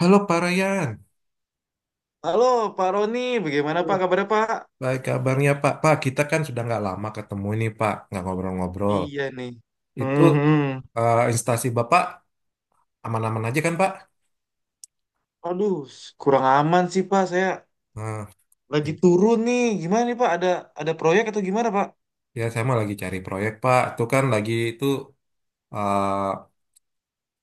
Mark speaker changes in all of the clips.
Speaker 1: Halo Pak Ryan.
Speaker 2: Halo Pak Roni, bagaimana
Speaker 1: Halo.
Speaker 2: Pak kabarnya Pak?
Speaker 1: Baik kabarnya Pak. Pak, kita kan sudah nggak lama ketemu ini Pak, nggak ngobrol-ngobrol.
Speaker 2: Iya nih.
Speaker 1: Itu
Speaker 2: Mhm.
Speaker 1: instansi Bapak aman-aman aja kan Pak?
Speaker 2: Aduh, kurang aman sih Pak. Saya
Speaker 1: Nah, ya
Speaker 2: lagi turun nih. Gimana nih Pak? Ada proyek atau gimana Pak?
Speaker 1: ya, saya mah lagi cari proyek Pak. Itu kan lagi itu, eh,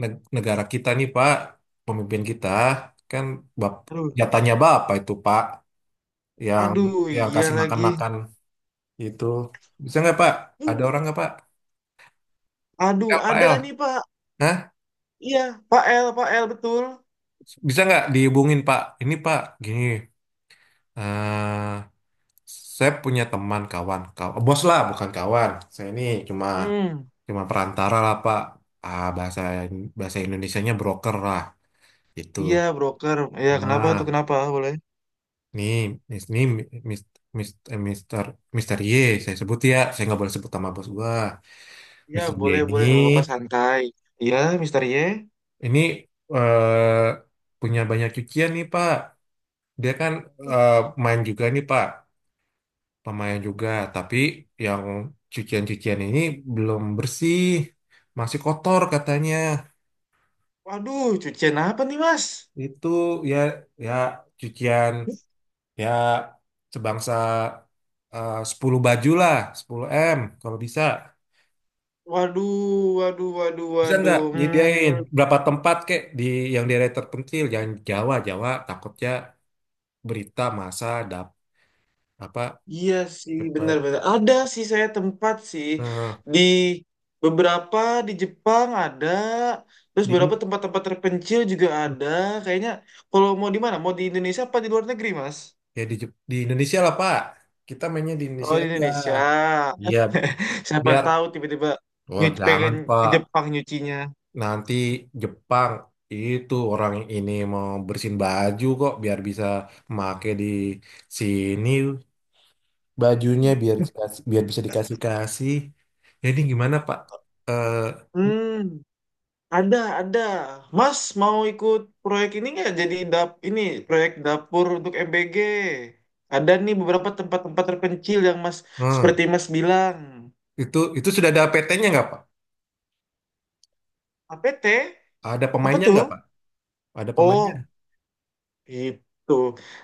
Speaker 1: negara kita nih Pak, pemimpin kita kan bap
Speaker 2: Aduh,
Speaker 1: jatahnya Bapak itu Pak, yang
Speaker 2: aduh,
Speaker 1: yang
Speaker 2: iya
Speaker 1: kasih
Speaker 2: lagi.
Speaker 1: makan-makan itu. Bisa nggak Pak? Ada
Speaker 2: Hmm.
Speaker 1: orang nggak Pak?
Speaker 2: Aduh,
Speaker 1: L, P
Speaker 2: ada
Speaker 1: L.
Speaker 2: nih Pak.
Speaker 1: Hah?
Speaker 2: Iya, Pak L, Pak L betul.
Speaker 1: Bisa nggak dihubungin Pak? Ini Pak, gini, eh saya punya teman kawan, bos lah, bukan kawan. Saya ini cuma
Speaker 2: Hmm,
Speaker 1: cuma perantara lah Pak. Ah, bahasa bahasa Indonesianya broker lah, itu.
Speaker 2: iya broker. Iya kenapa tuh
Speaker 1: Nah,
Speaker 2: kenapa? Boleh?
Speaker 1: nih, nih, mis, mis, eh, Mister Mister Y, saya sebut ya, saya nggak boleh sebut nama bos gua.
Speaker 2: Iya
Speaker 1: Mister Y
Speaker 2: boleh boleh nggak apa-apa santai. Iya, Mister Y.
Speaker 1: ini eh punya banyak cucian nih Pak. Dia kan, eh, main juga nih Pak. Lumayan juga. Tapi yang cucian-cucian ini belum bersih, masih kotor katanya.
Speaker 2: Waduh, cucian apa nih Mas?
Speaker 1: Itu ya ya cucian, ya sebangsa 10 baju lah, sepuluh m kalau bisa.
Speaker 2: Waduh, waduh, waduh,
Speaker 1: Bisa nggak
Speaker 2: waduh.
Speaker 1: nyediain
Speaker 2: Hmm.
Speaker 1: berapa tempat kek di yang daerah terpencil? Jangan Jawa, Jawa takutnya berita masa dap apa
Speaker 2: Iya sih,
Speaker 1: cepat.
Speaker 2: benar-benar. Ada sih saya tempat sih
Speaker 1: Nah,
Speaker 2: di beberapa di Jepang ada, terus
Speaker 1: di
Speaker 2: beberapa tempat-tempat terpencil juga ada. Kayaknya kalau mau di mana? Mau di Indonesia apa di luar negeri, Mas?
Speaker 1: ya di, di Indonesia lah Pak. Kita mainnya di
Speaker 2: Oh,
Speaker 1: Indonesia
Speaker 2: di
Speaker 1: aja.
Speaker 2: Indonesia.
Speaker 1: Iya,
Speaker 2: Siapa
Speaker 1: biar
Speaker 2: tahu tiba-tiba
Speaker 1: Wah, jangan
Speaker 2: pengen ke
Speaker 1: Pak.
Speaker 2: Jepang nyucinya.
Speaker 1: Nanti Jepang itu orang ini mau bersihin baju kok biar bisa make di sini bajunya, biar dikasih, biar bisa dikasih-kasih. Jadi gimana Pak? Eh,
Speaker 2: Hmm. Ada, ada. Mas mau ikut proyek ini nggak? Jadi ini proyek dapur untuk MBG. Ada nih beberapa tempat-tempat terpencil yang Mas
Speaker 1: nah,
Speaker 2: seperti Mas bilang.
Speaker 1: itu sudah ada PT-nya nggak Pak?
Speaker 2: APT?
Speaker 1: Ada
Speaker 2: Apa
Speaker 1: pemainnya
Speaker 2: tuh?
Speaker 1: nggak Pak? Ada pemainnya?
Speaker 2: Oh, itu.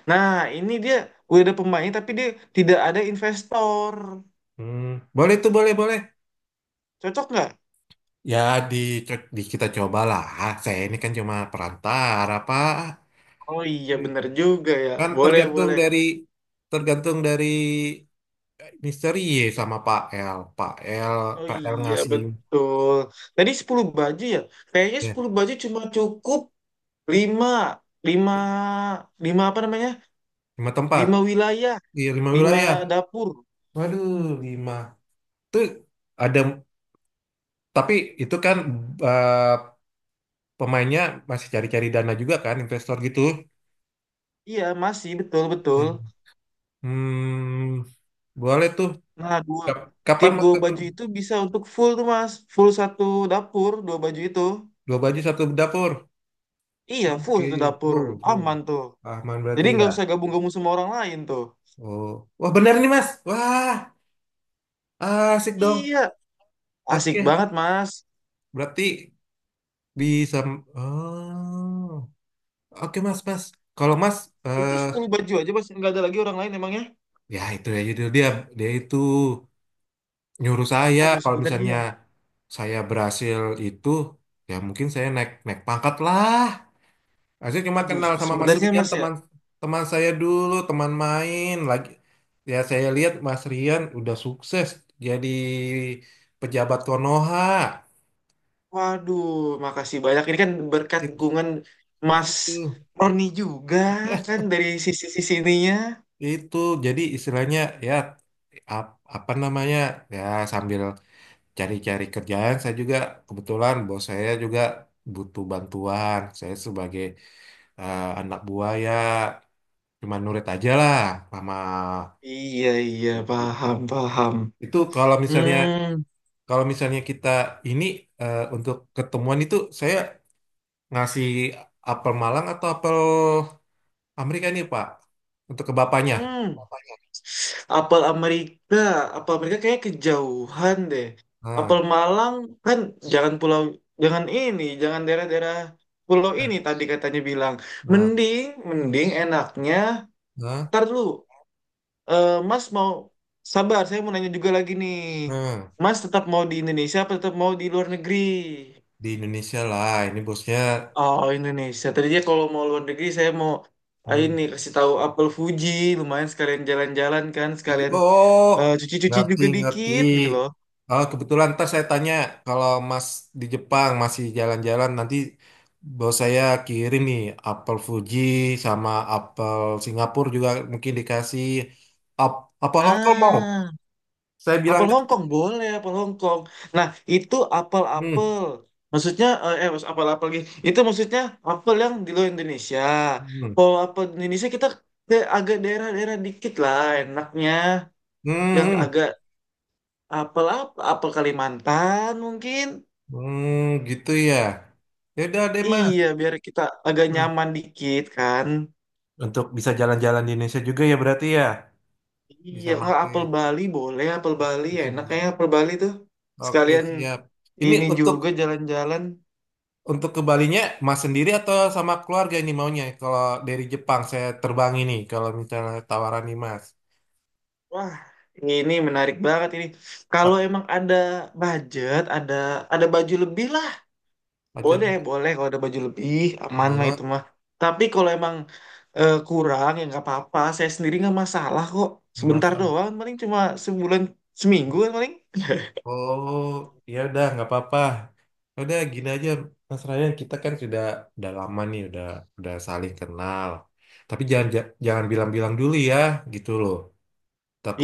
Speaker 2: Nah, ini dia udah ada pemain tapi dia tidak ada investor.
Speaker 1: Hmm, boleh tuh, boleh boleh.
Speaker 2: Cocok nggak?
Speaker 1: Ya di, di kita cobalah. Saya ini kan cuma perantara Pak.
Speaker 2: Oh, iya bener juga ya.
Speaker 1: Kan
Speaker 2: Boleh, boleh.
Speaker 1: tergantung dari misteri sama Pak L. Pak L,
Speaker 2: Oh,
Speaker 1: Pak L
Speaker 2: iya
Speaker 1: ngasih
Speaker 2: betul. Tadi 10 baju ya. Kayaknya
Speaker 1: ya,
Speaker 2: 10 baju cuma cukup lima lima lima apa namanya
Speaker 1: lima tempat
Speaker 2: lima wilayah
Speaker 1: di lima
Speaker 2: lima
Speaker 1: wilayah.
Speaker 2: dapur.
Speaker 1: Waduh, lima. Tuh ada tapi itu kan, eh, pemainnya masih cari-cari dana juga kan, investor gitu.
Speaker 2: Iya masih betul betul.
Speaker 1: Hmm, boleh tuh.
Speaker 2: Nah,
Speaker 1: Kapan
Speaker 2: tiap
Speaker 1: mau
Speaker 2: dua
Speaker 1: ketemu?
Speaker 2: baju itu bisa untuk full tuh mas, full satu dapur, dua baju itu.
Speaker 1: Dua baju satu dapur.
Speaker 2: Iya full satu
Speaker 1: Oke, Bu,
Speaker 2: dapur,
Speaker 1: Bu.
Speaker 2: aman tuh.
Speaker 1: Ahman berarti
Speaker 2: Jadi nggak
Speaker 1: ya.
Speaker 2: usah gabung-gabung sama orang lain tuh.
Speaker 1: Oh, wah benar nih Mas. Wah, asik dong.
Speaker 2: Iya asik
Speaker 1: Oke,
Speaker 2: banget mas.
Speaker 1: berarti bisa. Oh, oke mas, mas. Kalau mas,
Speaker 2: Itu
Speaker 1: eh
Speaker 2: sepuluh baju aja mas, nggak ada lagi orang lain emangnya.
Speaker 1: ya itu ya judul dia. Dia itu nyuruh saya.
Speaker 2: aduh
Speaker 1: Kalau
Speaker 2: sebenarnya
Speaker 1: misalnya saya berhasil itu, ya mungkin saya naik naik pangkat lah. Saya cuma
Speaker 2: aduh
Speaker 1: kenal sama Mas
Speaker 2: sebenarnya
Speaker 1: Rian,
Speaker 2: mas ya.
Speaker 1: teman teman saya dulu, teman main lagi. Ya saya lihat Mas Rian udah sukses jadi pejabat Konoha.
Speaker 2: Waduh, makasih banyak. Ini kan berkat
Speaker 1: Itu.
Speaker 2: dukungan Mas
Speaker 1: Itu.
Speaker 2: Roni juga kan dari sisi-sisi ininya.
Speaker 1: Itu jadi istilahnya ya apa namanya ya sambil cari-cari kerjaan saya juga, kebetulan bos saya juga butuh bantuan. Saya sebagai anak buah ya cuma nurut aja lah sama
Speaker 2: Iya, iya,
Speaker 1: gitu.
Speaker 2: paham, paham.
Speaker 1: Itu
Speaker 2: Hmm,
Speaker 1: kalau misalnya kita ini, untuk ketemuan itu saya ngasih apel Malang atau apel Amerika nih Pak untuk ke bapaknya.
Speaker 2: hmm. Apa? Apel Amerika, apel Amerika kayaknya kejauhan deh.
Speaker 1: Nah,
Speaker 2: Apel Malang kan jangan pulau, jangan ini, jangan daerah-daerah pulau
Speaker 1: nah,
Speaker 2: ini tadi katanya bilang.
Speaker 1: nah,
Speaker 2: Mending, mending enaknya,
Speaker 1: nah.
Speaker 2: ntar dulu. Eh, Mas mau sabar, saya mau nanya juga lagi nih.
Speaker 1: Nah.
Speaker 2: Mas tetap mau di Indonesia apa tetap mau di luar negeri?
Speaker 1: Di Indonesia lah ini bosnya.
Speaker 2: Oh, Indonesia. Tadinya kalau mau luar negeri saya mau ah,
Speaker 1: Hmm.
Speaker 2: ini kasih tahu apel Fuji, lumayan sekalian jalan-jalan kan, sekalian
Speaker 1: Oh,
Speaker 2: eh, cuci-cuci
Speaker 1: ngerti
Speaker 2: juga
Speaker 1: ngerti.
Speaker 2: dikit gitu loh.
Speaker 1: Oh, kebetulan ntar saya tanya, kalau Mas di Jepang masih jalan-jalan nanti bos saya kirim nih apel Fuji sama apel Singapura juga mungkin dikasih. Ap apel Hongkong mau
Speaker 2: Nah,
Speaker 1: saya bilang.
Speaker 2: apel Hongkong boleh, apel Hongkong. Nah, itu
Speaker 1: Hmm.
Speaker 2: apel-apel. Maksudnya apel-apel lagi. Itu maksudnya apel yang di luar Indonesia.
Speaker 1: Hmm.
Speaker 2: Kalau apel di Indonesia kita ke agak daerah-daerah dikit lah enaknya,
Speaker 1: Hmm,
Speaker 2: yang
Speaker 1: hmm.
Speaker 2: agak apel apa apel Kalimantan mungkin.
Speaker 1: Hmm, gitu ya, ya udah deh Mas.
Speaker 2: Iya, biar kita agak
Speaker 1: Nah,
Speaker 2: nyaman dikit kan.
Speaker 1: untuk bisa jalan-jalan di Indonesia juga ya berarti ya
Speaker 2: Iya,
Speaker 1: bisa
Speaker 2: nggak
Speaker 1: pakai
Speaker 2: apel Bali boleh, apel Bali
Speaker 1: di
Speaker 2: enak
Speaker 1: sini.
Speaker 2: kayak apel Bali tuh.
Speaker 1: Oke,
Speaker 2: Sekalian
Speaker 1: siap. Ini
Speaker 2: ini juga jalan-jalan.
Speaker 1: untuk ke Balinya Mas sendiri atau sama keluarga ini maunya? Kalau dari Jepang saya terbang ini kalau misalnya tawaran nih Mas.
Speaker 2: Wah, ini menarik banget ini. Kalau
Speaker 1: A-
Speaker 2: emang ada budget, ada baju lebih lah.
Speaker 1: Aja
Speaker 2: Boleh, boleh kalau ada baju lebih, aman lah itu
Speaker 1: oh,
Speaker 2: mah. Tapi kalau emang eh, kurang ya nggak apa-apa. Saya sendiri nggak masalah kok.
Speaker 1: Mas.
Speaker 2: Sebentar doang, paling cuma sebulan, seminggu kan paling.
Speaker 1: Oh, ya udah nggak apa-apa. Ya udah gini aja Mas Ryan, kita kan sudah udah lama nih, udah saling kenal. Tapi jangan jangan bilang-bilang dulu ya, gitu loh.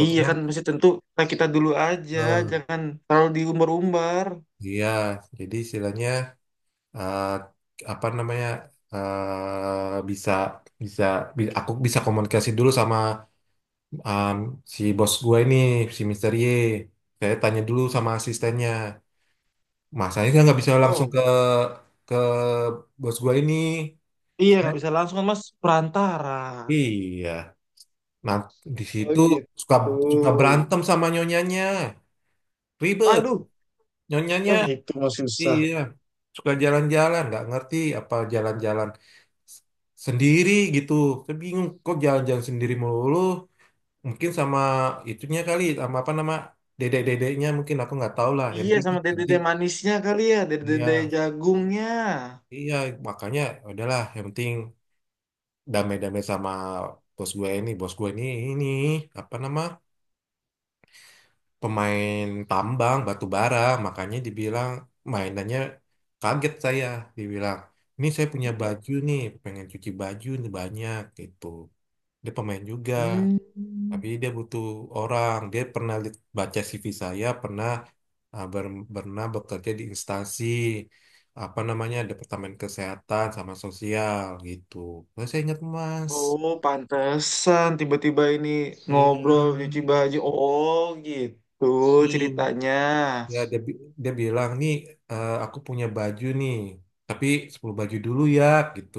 Speaker 2: Iya kan masih tentu, nah, kita dulu aja,
Speaker 1: eh,
Speaker 2: jangan terlalu diumbar-umbar.
Speaker 1: iya, jadi istilahnya, eh, apa namanya, bisa bisa aku bisa komunikasi dulu sama, um, si bos gue ini, si Mister Y. Saya tanya dulu sama asistennya, masanya nggak bisa langsung
Speaker 2: Oh,
Speaker 1: ke bos gue ini.
Speaker 2: iya nggak
Speaker 1: Saya-
Speaker 2: bisa langsung kan, Mas perantara.
Speaker 1: iya nah di
Speaker 2: Oh
Speaker 1: situ suka
Speaker 2: gitu.
Speaker 1: suka berantem sama nyonyanya, ribet
Speaker 2: Aduh.
Speaker 1: nyonyanya.
Speaker 2: Oh itu masih susah.
Speaker 1: Iya suka jalan-jalan nggak ngerti apa jalan-jalan sendiri gitu. Saya bingung kok jalan-jalan sendiri melulu. Mungkin sama itunya kali, sama apa nama dedek-dedeknya, mungkin aku nggak tahu lah.
Speaker 2: Iya sama
Speaker 1: Yang
Speaker 2: dede-dede
Speaker 1: penting
Speaker 2: manisnya kali ya, dede-dede
Speaker 1: iya,
Speaker 2: jagungnya.
Speaker 1: iya makanya udahlah. Yang penting damai-damai sama bos gue ini apa nama pemain tambang batu bara. Makanya dibilang mainannya kaget saya, dibilang ini saya punya baju nih, pengen cuci baju nih banyak gitu. Dia pemain juga.
Speaker 2: Hmm.
Speaker 1: Tapi dia butuh orang. Dia pernah baca CV saya, pernah pernah bekerja di instansi apa namanya Departemen Kesehatan sama Sosial gitu. Terus saya ingat Mas.
Speaker 2: Oh, pantesan tiba-tiba ini
Speaker 1: Iya,
Speaker 2: ngobrol cuci baju. Oh, gitu
Speaker 1: tuh.
Speaker 2: ceritanya.
Speaker 1: Ya dia, dia bilang nih, aku punya baju nih, tapi 10 baju dulu ya gitu.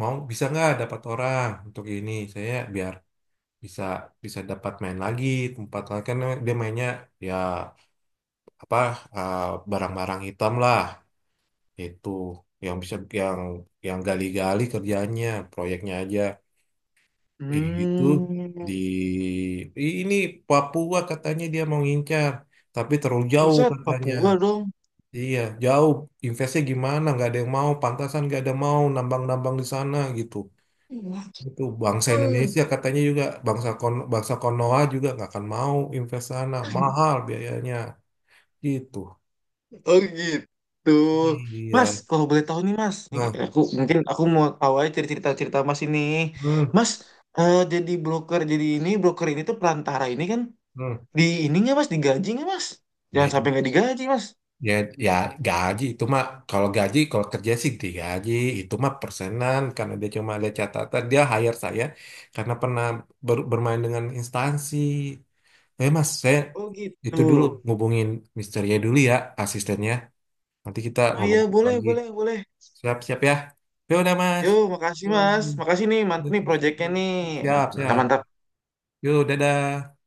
Speaker 1: Mau bisa nggak dapat orang untuk ini? Saya biar bisa bisa dapat main lagi tempat lain kan, dia mainnya ya apa, eh, barang-barang hitam lah itu, yang bisa yang yang gali-gali kerjanya proyeknya aja. Eh, itu di
Speaker 2: Hmm.
Speaker 1: ini Papua katanya dia mau ngincar tapi terlalu jauh
Speaker 2: Terusnya
Speaker 1: katanya.
Speaker 2: Papua dong.
Speaker 1: Iya jauh, investnya gimana, nggak ada yang mau, pantasan nggak ada mau nambang-nambang di sana gitu. Itu bangsa Indonesia katanya juga bangsa kon bangsa Konoha juga nggak akan mau invest sana, mahal biayanya gitu.
Speaker 2: Oh, gitu. Mas,
Speaker 1: Iya
Speaker 2: kalau boleh tahu nih, Mas. Nih,
Speaker 1: nah.
Speaker 2: aku mungkin aku mau tahu aja cerita-cerita Mas ini.
Speaker 1: Hmm.
Speaker 2: Mas, eh, jadi broker jadi ini, broker ini tuh perantara ini kan.
Speaker 1: Hmm.
Speaker 2: Di ininya mas, digaji nggak mas? Jangan
Speaker 1: Ya,
Speaker 2: sampai nggak digaji mas.
Speaker 1: ya, ya gaji itu mah, kalau gaji kalau kerja sih digaji, itu mah persenan karena dia cuma ada catatan dia hire saya karena pernah bermain dengan instansi. Eh mas, saya
Speaker 2: Oh gitu.
Speaker 1: itu dulu ngubungin Mister ya dulu ya, asistennya, nanti kita
Speaker 2: Oh,
Speaker 1: ngomong
Speaker 2: iya boleh
Speaker 1: lagi,
Speaker 2: boleh boleh.
Speaker 1: siap-siap ya. Ya udah mas.
Speaker 2: Yo makasih
Speaker 1: Yuk,
Speaker 2: mas, makasih nih mantap nih proyeknya
Speaker 1: siap
Speaker 2: nih
Speaker 1: siap.
Speaker 2: mantap mantap.
Speaker 1: Siap.
Speaker 2: Mantap.
Speaker 1: Yuk dadah.